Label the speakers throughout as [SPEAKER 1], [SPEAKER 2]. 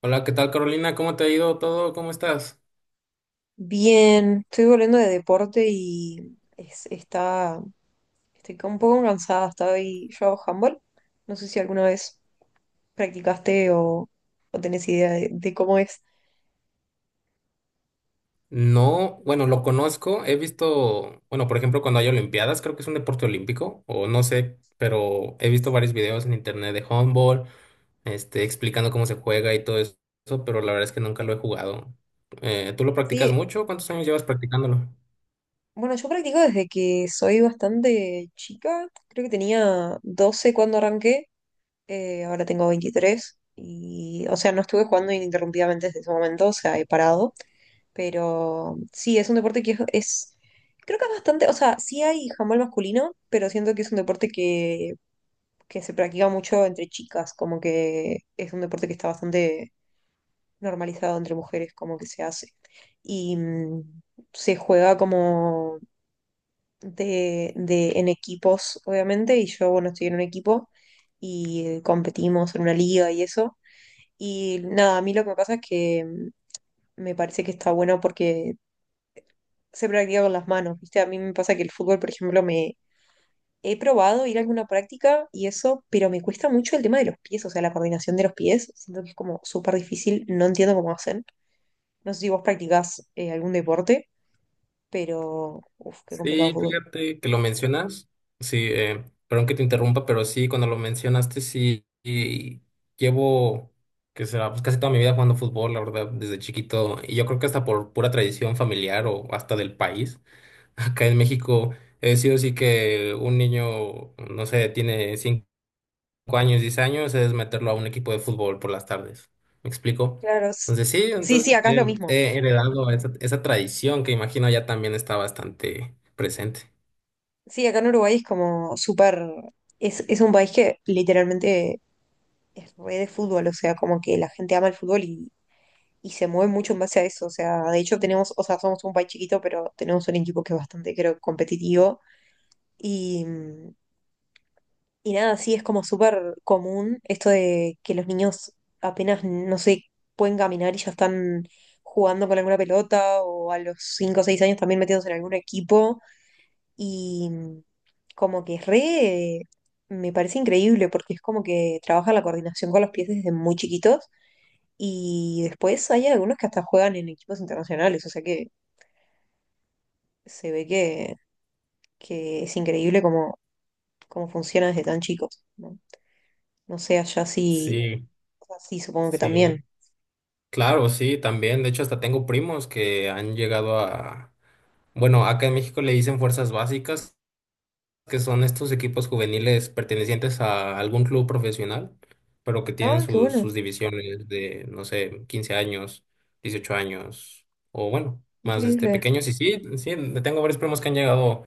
[SPEAKER 1] Hola, ¿qué tal Carolina? ¿Cómo te ha ido todo? ¿Cómo estás?
[SPEAKER 2] Bien, estoy volviendo de deporte y estoy un poco cansada. Yo hago handball. No sé si alguna vez practicaste o tenés idea de cómo es.
[SPEAKER 1] No, bueno, lo conozco, he visto, bueno, por ejemplo, cuando hay olimpiadas, creo que es un deporte olímpico, o no sé, pero he visto varios videos en internet de handball, este, explicando cómo se juega y todo eso, pero la verdad es que nunca lo he jugado. ¿Tú lo practicas
[SPEAKER 2] Sí,
[SPEAKER 1] mucho? ¿Cuántos años llevas practicándolo?
[SPEAKER 2] bueno, yo practico desde que soy bastante chica. Creo que tenía 12 cuando arranqué. Ahora tengo 23 y, o sea, no estuve jugando ininterrumpidamente desde ese momento, o sea, he parado. Pero sí, es un deporte que creo que es bastante, o sea, sí hay handball masculino, pero siento que es un deporte que se practica mucho entre chicas, como que es un deporte que está bastante normalizado entre mujeres, como que se hace. Y se juega como en equipos, obviamente, y yo, bueno, estoy en un equipo y competimos en una liga y eso. Y nada, a mí lo que me pasa es que me parece que está bueno porque se practica con las manos, ¿viste? A mí me pasa que el fútbol, por ejemplo, me he probado ir a alguna práctica y eso, pero me cuesta mucho el tema de los pies, o sea, la coordinación de los pies. Siento que es como súper difícil, no entiendo cómo hacen. No sé si vos practicás algún deporte, pero, uff, qué complicado
[SPEAKER 1] Sí,
[SPEAKER 2] fútbol.
[SPEAKER 1] fíjate que lo mencionas, sí, perdón que te interrumpa, pero sí, cuando lo mencionaste, sí, y llevo, que será, pues casi toda mi vida jugando fútbol, la verdad, desde chiquito, y yo creo que hasta por pura tradición familiar o hasta del país, acá en México, he sido así que un niño, no sé, tiene 5 años, 10 años, es meterlo a un equipo de fútbol por las tardes, ¿me explico?
[SPEAKER 2] Claro.
[SPEAKER 1] Entonces sí,
[SPEAKER 2] Sí, sí,
[SPEAKER 1] entonces
[SPEAKER 2] acá es lo mismo.
[SPEAKER 1] he heredado esa, esa tradición que imagino ya también está bastante presente.
[SPEAKER 2] Sí, acá en Uruguay es como súper, es un país que literalmente es re de fútbol, o sea, como que la gente ama el fútbol y se mueve mucho en base a eso. O sea, de hecho tenemos, o sea, somos un país chiquito, pero tenemos un equipo que es bastante, creo, competitivo. Y, mm, y nada, sí, es como súper común esto de que los niños apenas, no sé, pueden caminar y ya están jugando con alguna pelota o a los 5 o 6 años también metidos en algún equipo. Y como que es. Me parece increíble porque es como que trabaja la coordinación con los pies desde muy chiquitos y después hay algunos que hasta juegan en equipos internacionales, o sea que se ve que es increíble cómo funciona desde tan chicos, ¿no? No sé, allá sí,
[SPEAKER 1] Sí,
[SPEAKER 2] o sea, sí, supongo que
[SPEAKER 1] sí,
[SPEAKER 2] también.
[SPEAKER 1] claro, sí, también. De hecho, hasta tengo primos que han llegado a, bueno, acá en México le dicen fuerzas básicas, que son estos equipos juveniles pertenecientes a algún club profesional, pero que tienen
[SPEAKER 2] Ah, qué
[SPEAKER 1] sus,
[SPEAKER 2] bueno,
[SPEAKER 1] sus divisiones de, no sé, 15 años, 18 años, o bueno, más este
[SPEAKER 2] increíble.
[SPEAKER 1] pequeños. Y sí, sí, tengo varios primos que han llegado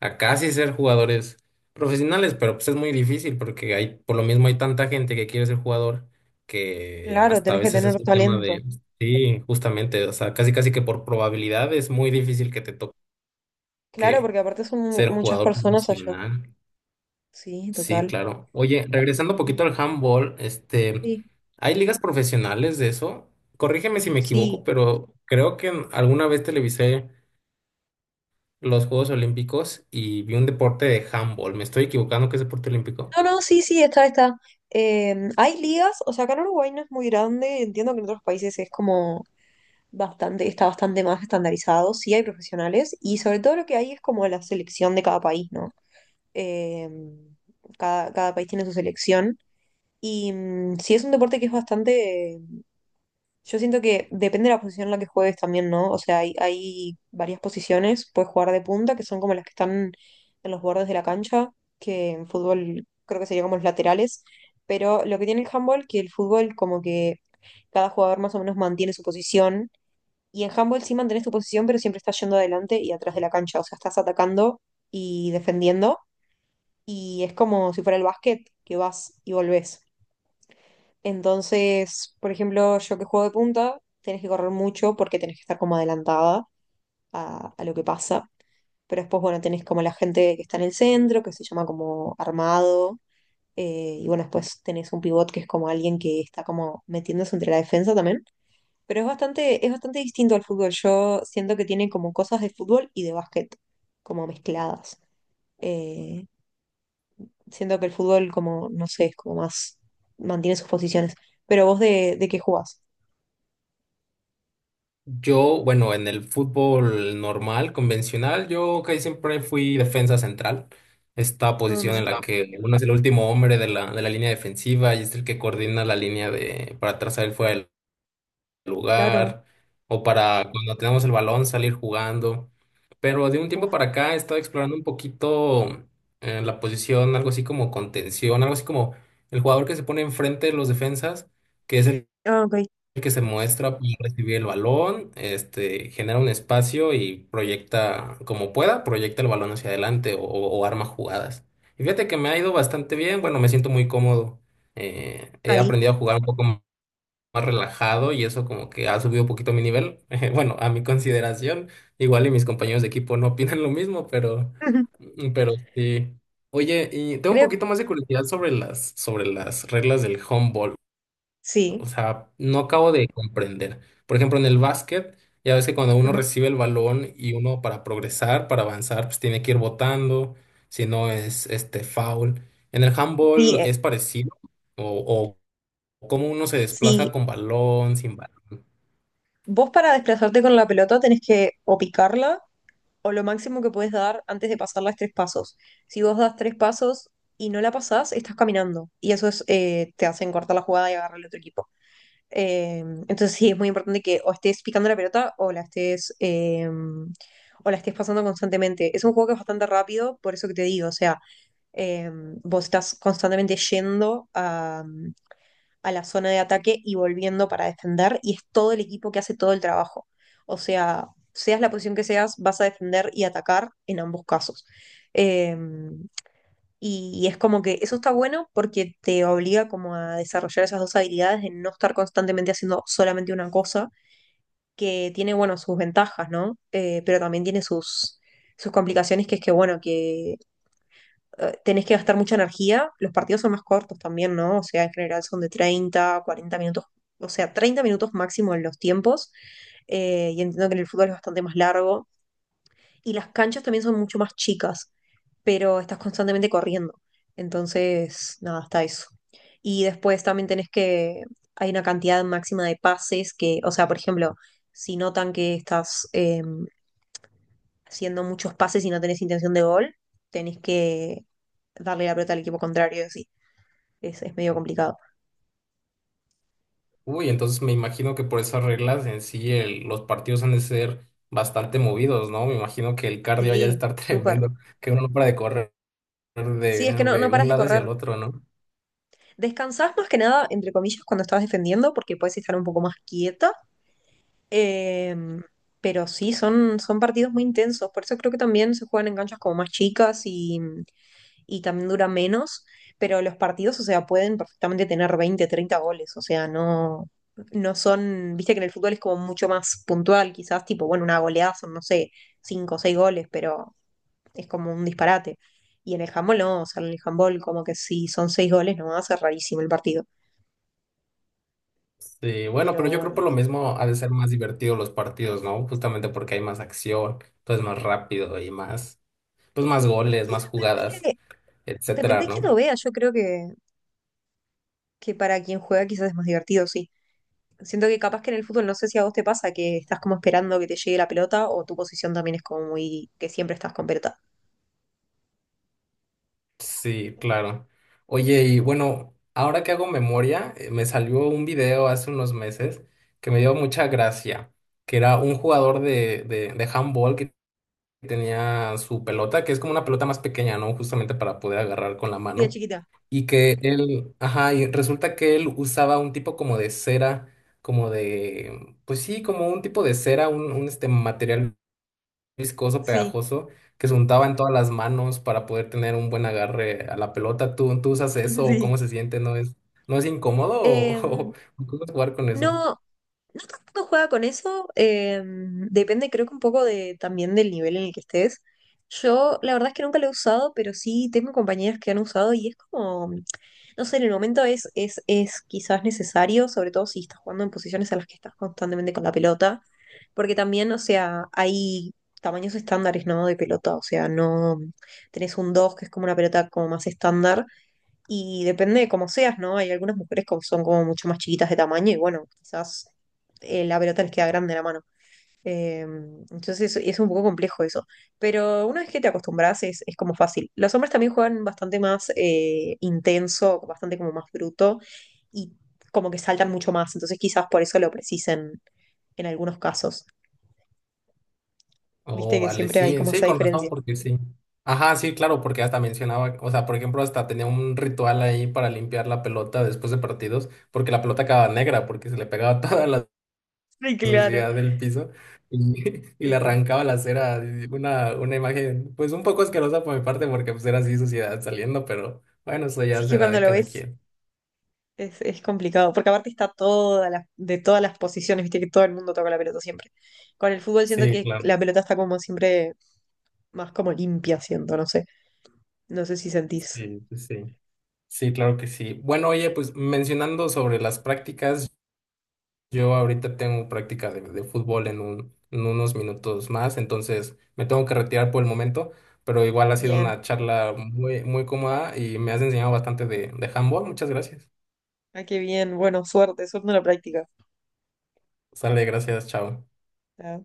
[SPEAKER 1] a casi ser jugadores profesionales, pero pues es muy difícil porque hay, por lo mismo hay tanta gente que quiere ser jugador que
[SPEAKER 2] Claro,
[SPEAKER 1] hasta a
[SPEAKER 2] tenés que
[SPEAKER 1] veces es
[SPEAKER 2] tener
[SPEAKER 1] un tema
[SPEAKER 2] talento.
[SPEAKER 1] de, sí, justamente, o sea, casi casi que por probabilidad es muy difícil que te toque
[SPEAKER 2] Claro, porque aparte son mu-
[SPEAKER 1] ser
[SPEAKER 2] muchas
[SPEAKER 1] jugador
[SPEAKER 2] personas allá.
[SPEAKER 1] profesional.
[SPEAKER 2] Sí,
[SPEAKER 1] Sí,
[SPEAKER 2] total.
[SPEAKER 1] claro. Oye, regresando un poquito
[SPEAKER 2] Y-
[SPEAKER 1] al handball, este,
[SPEAKER 2] Sí,
[SPEAKER 1] ¿hay ligas profesionales de eso? Corrígeme si me equivoco,
[SPEAKER 2] sí.
[SPEAKER 1] pero creo que alguna vez televisé los Juegos Olímpicos y vi un deporte de handball. ¿Me estoy equivocando que es deporte olímpico?
[SPEAKER 2] No, no, sí, sí, está, está. Hay ligas, o sea, acá en Uruguay no es muy grande, entiendo que en otros países es como bastante, está bastante más estandarizado, sí hay profesionales y sobre todo lo que hay es como la selección de cada país, ¿no? Eh, cada país tiene su selección y sí es un deporte que es bastante, yo siento que depende de la posición en la que juegues también, ¿no? O sea, hay varias posiciones, puedes jugar de punta, que son como las que están en los bordes de la cancha, que en fútbol creo que sería como los laterales, pero lo que tiene el handball, que el fútbol como que cada jugador más o menos mantiene su posición y en handball sí mantenés tu posición, pero siempre estás yendo adelante y atrás de la cancha. O sea, estás atacando y defendiendo. Y es como si fuera el básquet, que vas y volvés. Entonces, por ejemplo, yo que juego de punta, tenés que correr mucho porque tenés que estar como adelantada a lo que pasa. Pero después, bueno, tenés como la gente que está en el centro, que se llama como armado. Y bueno, después tenés un pivot que es como alguien que está como metiéndose entre la defensa también pero es bastante distinto al fútbol. Yo siento que tiene como cosas de fútbol y de básquet, como mezcladas. Eh, Siento que el fútbol, como, no sé, es como más, mantiene sus posiciones. Pero vos, de qué jugás?
[SPEAKER 1] Yo, bueno, en el fútbol normal, convencional, yo casi siempre fui defensa central. Esta
[SPEAKER 2] Ah,
[SPEAKER 1] posición
[SPEAKER 2] mira.
[SPEAKER 1] en la
[SPEAKER 2] Stop.
[SPEAKER 1] que uno es el último hombre de la línea defensiva y es el que coordina la línea de, para trazar el fuera
[SPEAKER 2] Claro.
[SPEAKER 1] lugar o para cuando tenemos el balón salir jugando. Pero de un tiempo
[SPEAKER 2] Uf.
[SPEAKER 1] para acá he estado explorando un poquito la posición, algo así como contención, algo así como el jugador que se pone enfrente de los defensas, que es el
[SPEAKER 2] Ah, ok.
[SPEAKER 1] que se muestra para recibir el balón, este, genera un espacio y proyecta como pueda, proyecta el balón hacia adelante o arma jugadas. Y fíjate que me ha ido bastante bien, bueno, me siento muy cómodo. He
[SPEAKER 2] Ahí.
[SPEAKER 1] aprendido a jugar un poco más relajado y eso como que ha subido un poquito mi nivel. Bueno, a mi consideración, igual y mis compañeros de equipo no opinan lo mismo, pero sí. Oye, y tengo un
[SPEAKER 2] Creo,
[SPEAKER 1] poquito más de curiosidad sobre sobre las reglas del handball. O
[SPEAKER 2] sí.
[SPEAKER 1] sea, no acabo de comprender. Por ejemplo, en el básquet, ya ves que cuando uno
[SPEAKER 2] Ujú.
[SPEAKER 1] recibe el balón y uno para progresar, para avanzar, pues tiene que ir botando, si no es este foul. En el
[SPEAKER 2] Sí,
[SPEAKER 1] handball es parecido o, cómo uno se
[SPEAKER 2] sí.
[SPEAKER 1] desplaza con balón, sin balón.
[SPEAKER 2] Vos para desplazarte con la pelota tenés que o picarla o lo máximo que puedes dar antes de pasar las tres pasos. Si vos das tres pasos y no la pasás, estás caminando. Y eso te hacen cortar la jugada y agarrar al otro equipo. Eh, entonces sí, es muy importante que o estés picando la pelota o la estés pasando constantemente. Es un juego que es bastante rápido, por eso que te digo, o sea, eh, vos estás constantemente yendo a la zona de ataque y volviendo para defender, y es todo el equipo que hace todo el trabajo. O sea, seas la posición que seas, vas a defender y atacar en ambos casos. Eh, y es como que eso está bueno porque te obliga como a desarrollar esas dos habilidades de no estar constantemente haciendo solamente una cosa, que tiene, bueno, sus ventajas, ¿no? Pero también tiene sus complicaciones, que es que, bueno, que tenés que gastar mucha energía. Los partidos son más cortos también, ¿no? O sea, en general son de 30, 40 minutos, o sea, 30 minutos máximo en los tiempos. Y entiendo que en el fútbol es bastante más largo. Y las canchas también son mucho más chicas, pero estás constantemente corriendo. Entonces, nada, está eso. Y después también tenés que, hay una cantidad máxima de pases que, o sea, por ejemplo, si notan que estás, haciendo muchos pases y no tenés intención de gol, tenés que darle la pelota al equipo contrario, sí. Es medio complicado.
[SPEAKER 1] Uy, entonces me imagino que por esas reglas en sí los partidos han de ser bastante movidos, ¿no? Me imagino que el cardio haya de
[SPEAKER 2] Sí,
[SPEAKER 1] estar
[SPEAKER 2] súper.
[SPEAKER 1] tremendo, que uno no para de correr de,
[SPEAKER 2] Sí, es que no, no
[SPEAKER 1] de un
[SPEAKER 2] paras de
[SPEAKER 1] lado hacia el
[SPEAKER 2] correr.
[SPEAKER 1] otro, ¿no?
[SPEAKER 2] Descansás más que nada, entre comillas, cuando estás defendiendo, porque puedes estar un poco más quieta. Eh, pero sí, son partidos muy intensos. Por eso creo que también se juegan en canchas como más chicas y también dura menos, pero los partidos, o sea, pueden perfectamente tener 20 30 goles, o sea, no, no son, viste que en el fútbol es como mucho más puntual, quizás tipo, bueno, una goleada son, no sé, 5 o seis goles, pero es como un disparate. Y en el handball no, o sea, en el handball como que si son 6 goles no va a ser rarísimo el partido,
[SPEAKER 1] Sí, bueno, pero
[SPEAKER 2] pero
[SPEAKER 1] yo creo
[SPEAKER 2] bueno.
[SPEAKER 1] por lo mismo ha de ser más divertido los partidos, ¿no? Justamente porque hay más acción, entonces más rápido y más, pues más goles,
[SPEAKER 2] Y
[SPEAKER 1] más jugadas,
[SPEAKER 2] depende,
[SPEAKER 1] etcétera,
[SPEAKER 2] depende de quién lo
[SPEAKER 1] ¿no?
[SPEAKER 2] vea, yo creo que para quien juega quizás es más divertido, sí. Siento que capaz que en el fútbol, no sé si a vos te pasa que estás como esperando que te llegue la pelota o tu posición también es como muy, que siempre estás con pelota.
[SPEAKER 1] Sí, claro. Oye, y bueno, ahora que hago memoria, me salió un video hace unos meses que me dio mucha gracia, que era un jugador de handball que tenía su pelota, que es como una pelota más pequeña, ¿no? Justamente para poder agarrar con la
[SPEAKER 2] Sí, de
[SPEAKER 1] mano.
[SPEAKER 2] chiquita.
[SPEAKER 1] Y que él, ajá, y resulta que él usaba un tipo como de cera, como de, pues sí, como un tipo de cera, un este material viscoso,
[SPEAKER 2] Sí,
[SPEAKER 1] pegajoso, que se untaba en todas las manos para poder tener un buen agarre a la pelota. ¿¿Tú usas eso o
[SPEAKER 2] sí.
[SPEAKER 1] cómo se siente? ¿No es, no es incómodo o,
[SPEAKER 2] Em,
[SPEAKER 1] o cómo es jugar con eso?
[SPEAKER 2] No, no tanto juega con eso, depende creo que un poco de, también del nivel en el que estés. Yo la verdad es que nunca lo he usado, pero sí tengo compañeras que han usado y es como, no sé, en el momento es quizás necesario, sobre todo si estás jugando en posiciones a las que estás constantemente con la pelota, porque también, o sea, hay tamaños estándares, ¿no? De pelota, o sea, no tenés un 2 que es como una pelota como más estándar y depende de cómo seas, ¿no? Hay algunas mujeres que son como mucho más chiquitas de tamaño y bueno, quizás la pelota les queda grande en la mano. Eh, entonces es un poco complejo eso. Pero una vez que te acostumbras es como fácil. Los hombres también juegan bastante más intenso, bastante como más bruto y como que saltan mucho más. Entonces quizás por eso lo precisen en algunos casos. Viste
[SPEAKER 1] Oh,
[SPEAKER 2] que
[SPEAKER 1] vale,
[SPEAKER 2] siempre hay
[SPEAKER 1] sí,
[SPEAKER 2] como
[SPEAKER 1] sí,
[SPEAKER 2] esa
[SPEAKER 1] con razón,
[SPEAKER 2] diferencia.
[SPEAKER 1] porque sí. Ajá, sí, claro, porque hasta mencionaba, o sea, por ejemplo, hasta tenía un ritual ahí para limpiar la pelota después de partidos, porque la pelota quedaba negra, porque se le pegaba todas las
[SPEAKER 2] Sí, claro.
[SPEAKER 1] suciedad del piso y, y
[SPEAKER 2] Sí,
[SPEAKER 1] le
[SPEAKER 2] sí.
[SPEAKER 1] arrancaba la cera. Y una imagen, pues un poco asquerosa por mi parte, porque pues era así suciedad saliendo, pero bueno, eso
[SPEAKER 2] Si
[SPEAKER 1] ya
[SPEAKER 2] es que
[SPEAKER 1] será
[SPEAKER 2] cuando
[SPEAKER 1] de
[SPEAKER 2] lo
[SPEAKER 1] cada
[SPEAKER 2] ves,
[SPEAKER 1] quien.
[SPEAKER 2] es complicado, porque aparte está toda de todas las posiciones, viste que todo el mundo toca la pelota siempre. Con el fútbol siento
[SPEAKER 1] Sí,
[SPEAKER 2] que
[SPEAKER 1] claro,
[SPEAKER 2] la pelota está como siempre más como limpia, siento, no sé. No sé si sentís.
[SPEAKER 1] sí, sí, sí. Sí, claro que sí. Bueno, oye, pues mencionando sobre las prácticas, yo ahorita tengo práctica de fútbol en un, en unos minutos más, entonces me tengo que retirar por el momento, pero igual ha sido
[SPEAKER 2] Bien,
[SPEAKER 1] una charla muy, muy cómoda y me has enseñado bastante de handball. Muchas gracias.
[SPEAKER 2] ah, qué bien, bueno, suerte, suerte en la práctica.
[SPEAKER 1] Sale, gracias, chao.
[SPEAKER 2] Ah.